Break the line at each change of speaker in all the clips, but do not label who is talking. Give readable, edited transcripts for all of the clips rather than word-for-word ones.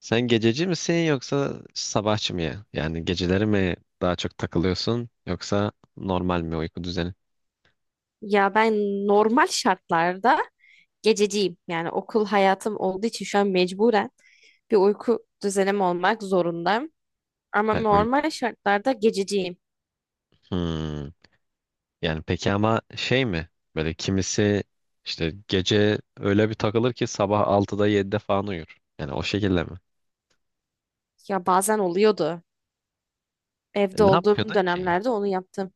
Sen gececi misin yoksa sabahçı mı ya? Yani geceleri mi daha çok takılıyorsun yoksa normal mi uyku düzeni?
Ya ben normal şartlarda gececiyim. Yani okul hayatım olduğu için şu an mecburen bir uyku düzenim olmak zorundayım. Ama
Hay- uy-
normal şartlarda gececiyim.
Hmm. Yani peki ama şey mi? Böyle kimisi işte gece öyle bir takılır ki sabah 6'da 7'de falan uyur. Yani o şekilde mi?
Ya bazen oluyordu. Evde
Ne
olduğum
yapıyordun ki?
dönemlerde onu yaptım.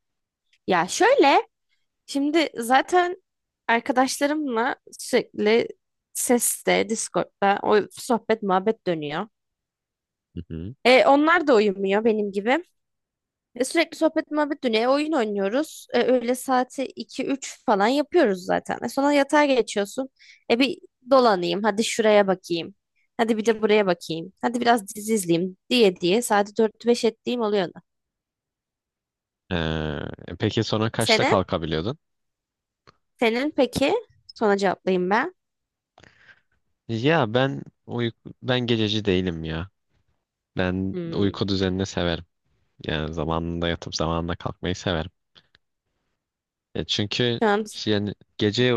Ya şöyle, şimdi zaten arkadaşlarımla sürekli seste, Discord'da o sohbet muhabbet dönüyor.
Hı hı.
Onlar da uyumuyor benim gibi. Sürekli sohbet muhabbet dönüyor. Oyun oynuyoruz. Öğle saati iki üç falan yapıyoruz zaten. Sonra yatağa geçiyorsun. Bir dolanayım. Hadi şuraya bakayım. Hadi bir de buraya bakayım. Hadi biraz dizi izleyeyim diye diye saati dört beş ettiğim oluyor.
Ee, peki sonra kaçta
Senin?
kalkabiliyordun?
Senin peki? Sonra cevaplayayım ben.
Ya ben gececi değilim ya. Ben
Hmm,
uyku düzenini severim. Yani zamanında yatıp zamanında kalkmayı severim. Ya çünkü
şu an
yani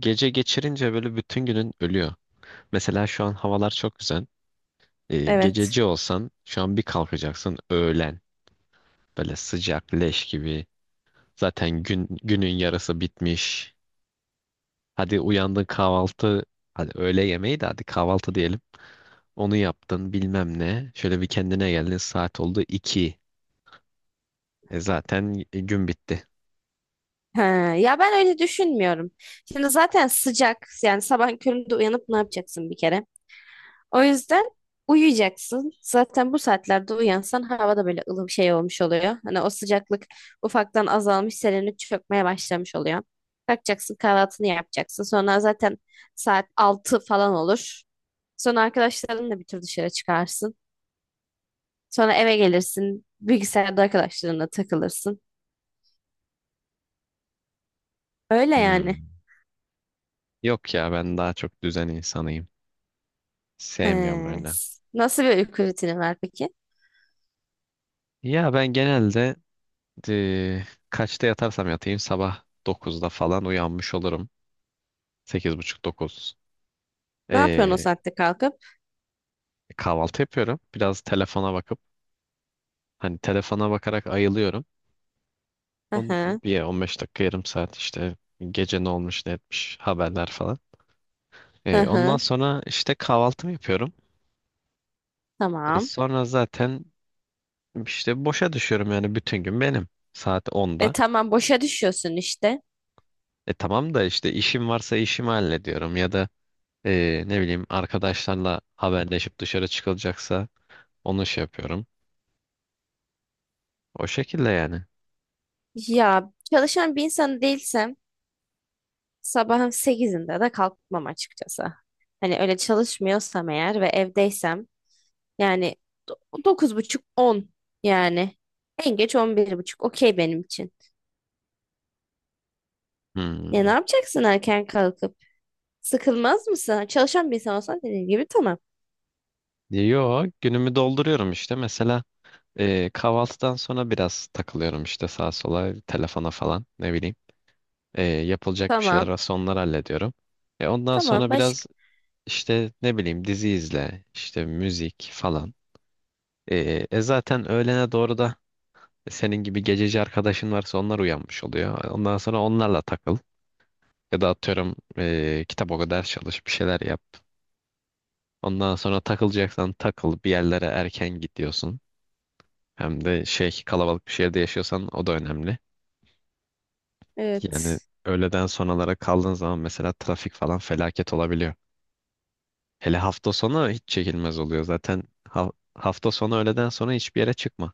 gece geçirince böyle bütün günün ölüyor. Mesela şu an havalar çok güzel. Ee,
evet.
gececi olsan şu an bir kalkacaksın öğlen. Böyle sıcak leş gibi. Zaten günün yarısı bitmiş. Hadi uyandın kahvaltı. Hadi öğle yemeği de hadi kahvaltı diyelim. Onu yaptın bilmem ne. Şöyle bir kendine geldin saat oldu 2. Gün bitti.
Ha, ya ben öyle düşünmüyorum. Şimdi zaten sıcak. Yani sabah köründe uyanıp ne yapacaksın bir kere? O yüzden uyuyacaksın. Zaten bu saatlerde uyansan hava da böyle ılım şey olmuş oluyor. Hani o sıcaklık ufaktan azalmış, serinlik çökmeye başlamış oluyor. Kalkacaksın, kahvaltını yapacaksın. Sonra zaten saat 6 falan olur. Sonra arkadaşlarınla bir tur dışarı çıkarsın. Sonra eve gelirsin. Bilgisayarda arkadaşlarınla takılırsın. Öyle yani.
Hmm. Yok ya ben daha çok düzen insanıyım. Sevmiyorum
He.
öyle.
Nasıl bir uyku rutini var peki?
Ya ben genelde Eee, kaçta yatarsam yatayım sabah 9'da falan uyanmış olurum. 8.30-9.
Ne yapıyorsun o
Eee
saatte kalkıp?
kahvaltı yapıyorum. Biraz telefona bakıp hani telefona bakarak ayılıyorum.
Hı
On,
hı.
bir 15 dakika yarım saat işte gece ne olmuş ne etmiş haberler falan.
Hı
Ondan
hı.
sonra işte kahvaltımı yapıyorum. E,
Tamam.
sonra zaten işte boşa düşüyorum yani bütün gün benim. Saat
E
onda.
tamam boşa düşüyorsun işte.
Tamam da işte işim varsa işimi hallediyorum ya da ne bileyim arkadaşlarla haberleşip dışarı çıkılacaksa onu şey yapıyorum. O şekilde yani.
Ya çalışan bir insan değilsem sabahın 8'inde de kalkmam açıkçası. Hani öyle çalışmıyorsam eğer ve evdeysem yani dokuz buçuk on, yani en geç 11:30. Okey benim için. Ya ne
Hmm.
yapacaksın erken kalkıp? Sıkılmaz mısın? Çalışan bir insan olsan dediğim gibi tamam.
Yo günümü dolduruyorum işte. Mesela kahvaltıdan sonra biraz takılıyorum işte sağa sola telefona falan ne bileyim. Yapılacak bir şeyler
Tamam.
varsa onları hallediyorum. Ondan
Tamam
sonra biraz
başka.
İşte ne bileyim dizi izle, işte müzik falan. Zaten öğlene doğru da senin gibi gececi arkadaşın varsa onlar uyanmış oluyor. Ondan sonra onlarla takıl. Ya da atıyorum kitap oku, ders çalış, bir şeyler yap. Ondan sonra takılacaksan takıl, bir yerlere erken gidiyorsun. Hem de şey kalabalık bir şehirde yaşıyorsan o da önemli. Yani
Evet.
öğleden sonralara kaldığın zaman mesela trafik falan felaket olabiliyor. Hele hafta sonu hiç çekilmez oluyor. Zaten hafta sonu öğleden sonra hiçbir yere çıkma.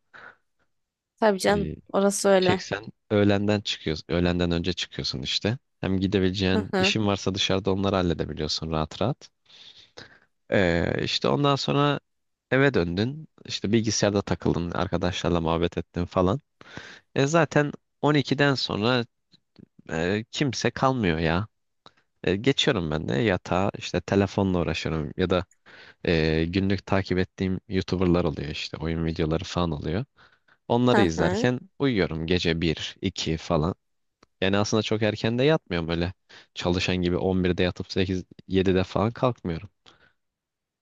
Tabii canım,
Ee,
orası öyle.
çeksen öğlenden çıkıyorsun. Öğlenden önce çıkıyorsun işte. Hem
Hı
gidebileceğin
hı.
işin varsa dışarıda onları halledebiliyorsun rahat rahat. İşte ondan sonra eve döndün. İşte bilgisayarda takıldın. Arkadaşlarla muhabbet ettin falan. E zaten 12'den sonra kimse kalmıyor ya. Geçiyorum ben de yatağa işte telefonla uğraşıyorum ya da günlük takip ettiğim YouTuber'lar oluyor işte oyun videoları falan oluyor. Onları
Hı hı.
izlerken uyuyorum gece bir 2 falan. Yani aslında çok erken de yatmıyorum öyle. Çalışan gibi 11'de yatıp 8 7'de falan kalkmıyorum.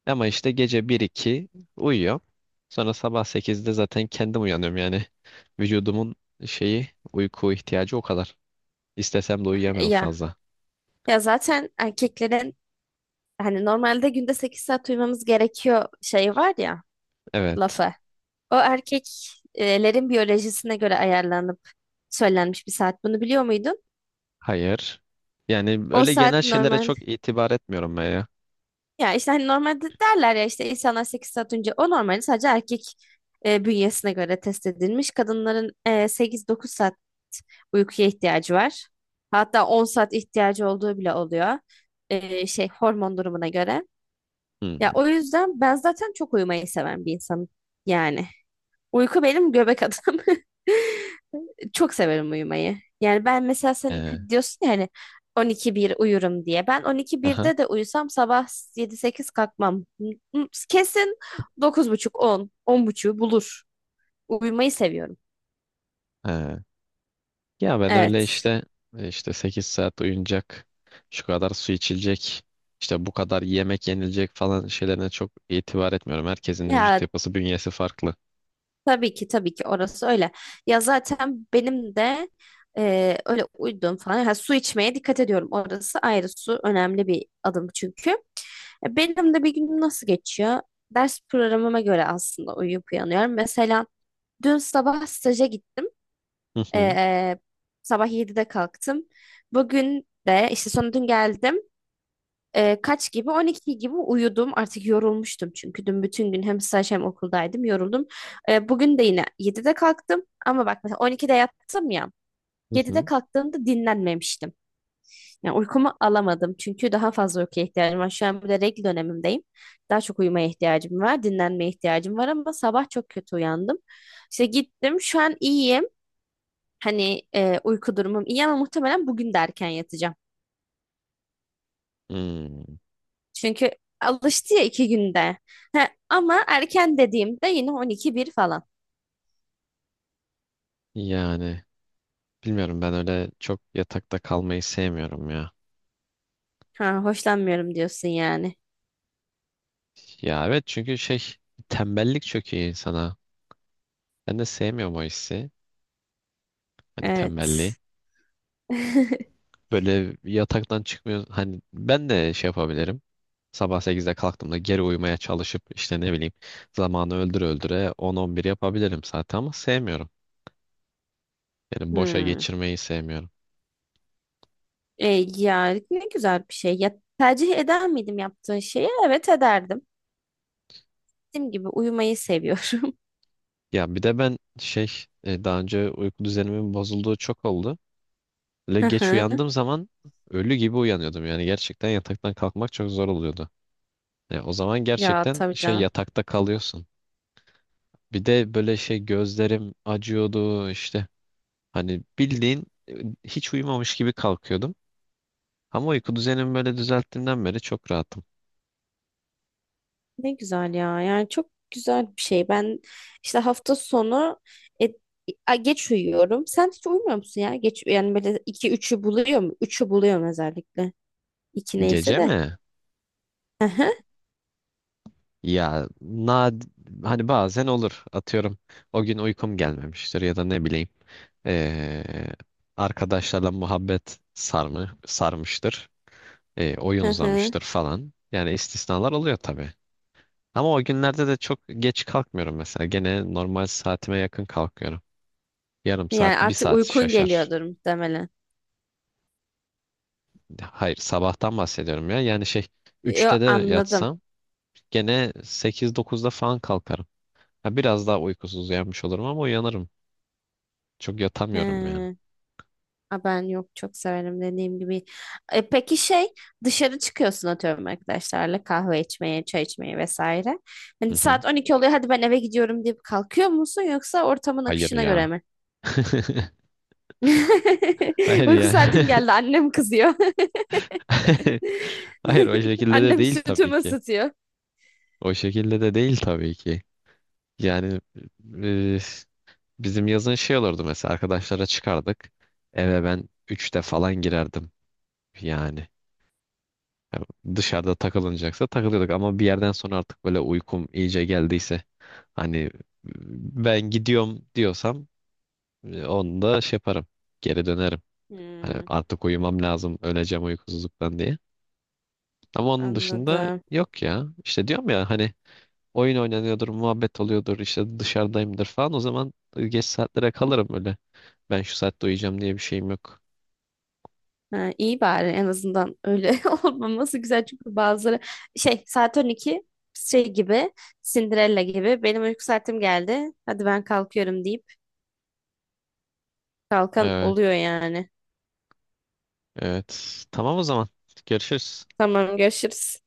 Ama işte gece bir iki uyuyorum. Sonra sabah 8'de zaten kendim uyanıyorum yani. Vücudumun şeyi uyku ihtiyacı o kadar. İstesem de uyuyamıyorum
Ya.
fazla.
Ya zaten erkeklerin hani normalde günde 8 saat uyumamız gerekiyor şeyi var ya,
Evet.
lafı. O erkeklerin biyolojisine göre ayarlanıp söylenmiş bir saat. Bunu biliyor muydun?
Hayır. Yani
O
öyle
saat
genel şeylere
normalde,
çok itibar etmiyorum ben ya.
ya işte hani normalde derler ya işte, insanlar 8 saat önce, o normalde sadece erkek bünyesine göre test edilmiş. Kadınların 8-9 saat uykuya ihtiyacı var. Hatta 10 saat ihtiyacı olduğu bile oluyor. Şey hormon durumuna göre.
Hmm.
Ya o yüzden ben zaten çok uyumayı seven bir insanım. Yani. Uyku benim göbek adım. Çok severim uyumayı. Yani ben mesela sen
Ee,
diyorsun ya hani 12-1 uyurum diye. Ben
aha.
12-1'de de uyusam sabah 7-8 kalkmam. Hmm, kesin 9:30-10, 10:30 bulur. Uyumayı seviyorum.
Ee. Ya ben öyle
Evet.
işte işte 8 saat uyunacak, şu kadar su içilecek, işte bu kadar yemek yenilecek falan şeylerine çok itibar etmiyorum. Herkesin vücut
Ya,
yapısı, bünyesi farklı.
tabii ki tabii ki orası öyle. Ya zaten benim de öyle uyuduğum falan. Ha, su içmeye dikkat ediyorum. Orası ayrı, su önemli bir adım çünkü. Benim de bir günüm nasıl geçiyor? Ders programıma göre aslında uyuyup uyanıyorum. Mesela dün sabah staja gittim.
Hı hı.
E, sabah 7'de kalktım. Bugün de işte, sonra dün geldim. Kaç gibi? 12 gibi uyudum. Artık yorulmuştum çünkü dün bütün gün hem staj hem okuldaydım. Yoruldum. Bugün de yine 7'de kalktım. Ama bak, mesela 12'de yattım ya.
Hı
7'de
hı.
kalktığımda dinlenmemiştim. Yani uykumu alamadım. Çünkü daha fazla uykuya ihtiyacım var. Şu an bir de regl dönemimdeyim. Daha çok uyumaya ihtiyacım var. Dinlenmeye ihtiyacım var ama sabah çok kötü uyandım. İşte gittim. Şu an iyiyim. Hani uyku durumum iyi ama muhtemelen bugün de erken yatacağım.
Hmm.
Çünkü alıştı ya, 2 günde. He, ama erken dediğimde yine on iki bir falan.
Yani. Bilmiyorum ben öyle çok yatakta kalmayı sevmiyorum ya.
Ha, hoşlanmıyorum diyorsun yani.
Ya evet çünkü şey tembellik çöküyor insana. Ben de sevmiyorum o hissi. Hani
Evet.
tembelliği. Böyle yataktan çıkmıyor. Hani ben de şey yapabilirim. Sabah 8'de kalktığımda geri uyumaya çalışıp işte ne bileyim zamanı öldüre öldüre 10-11 yapabilirim zaten ama sevmiyorum. Yani boşa
Hmm.
geçirmeyi sevmiyorum.
E, ya ne güzel bir şey. Ya, tercih eder miydim yaptığın şeyi? Evet, ederdim. Dediğim gibi uyumayı seviyorum.
Ya bir de ben şey daha önce uyku düzenimin bozulduğu çok oldu. Böyle
Hı
geç
hı.
uyandığım zaman ölü gibi uyanıyordum. Yani gerçekten yataktan kalkmak çok zor oluyordu. Ya o zaman
Ya
gerçekten
tabii
şey
canım.
yatakta kalıyorsun. Bir de böyle şey gözlerim acıyordu işte. Hani bildiğin hiç uyumamış gibi kalkıyordum. Ama uyku düzenimi böyle düzelttiğimden beri çok rahatım.
Ne güzel ya. Yani çok güzel bir şey. Ben işte hafta sonu e, geç uyuyorum. Sen hiç uyumuyor musun ya? Geç yani, böyle iki üçü buluyor mu? 3'ü buluyorum özellikle. İki neyse
Gece
de.
mi?
Hı hı,
Ya nad hani bazen olur. Atıyorum o gün uykum gelmemiştir ya da ne bileyim. ee, arkadaşlarla muhabbet sarmı sarmıştır. Oyun
hı hı.
uzamıştır falan. Yani istisnalar oluyor tabii. Ama o günlerde de çok geç kalkmıyorum mesela. Gene normal saatime yakın kalkıyorum. Yarım saat,
Yani
bir
artık
saat
uykun
şaşar.
geliyordur muhtemelen.
Hayır, sabahtan bahsediyorum ya. Yani şey,
Yo,
3'te de
anladım.
yatsam gene 8-9'da falan kalkarım. Ha, biraz daha uykusuz uyanmış olurum ama uyanırım. Çok yatamıyorum yani.
Hı. Ha, ben yok, çok severim dediğim gibi. Peki şey, dışarı çıkıyorsun atıyorum arkadaşlarla kahve içmeye, çay içmeye vesaire.
Hı
Hani
hı.
saat 12 oluyor, hadi ben eve gidiyorum deyip kalkıyor musun, yoksa ortamın
Hayır
akışına göre
ya.
mi?
Hayır
Uyku
ya.
saatim geldi, annem kızıyor.
Hayır o şekilde de
Annem
değil tabii
sütümü
ki.
ısıtıyor.
O şekilde de değil tabii ki. Yani e, bizim yazın şey olurdu mesela arkadaşlara çıkardık. Eve ben 3'te falan girerdim yani. Ya dışarıda takılınacaksa takılıyorduk ama bir yerden sonra artık böyle uykum iyice geldiyse hani ben gidiyorum diyorsam onu da şey yaparım. Geri dönerim. Hani
Hmm,
artık uyumam lazım öleceğim uykusuzluktan diye. Ama onun dışında
anladım.
yok ya. İşte diyorum ya hani oyun oynanıyordur, muhabbet oluyordur, işte dışarıdayımdır falan o zaman geç saatlere kalırım öyle. Ben şu saatte uyuyacağım diye bir şeyim yok.
Ha, iyi, bari en azından öyle olmaması güzel, çünkü bazıları şey, saat 12 şey gibi, Cinderella gibi benim uyku saatim geldi hadi ben kalkıyorum deyip kalkan
Evet,
oluyor yani.
evet. Tamam o zaman. Görüşürüz.
Tamam, görüşürüz.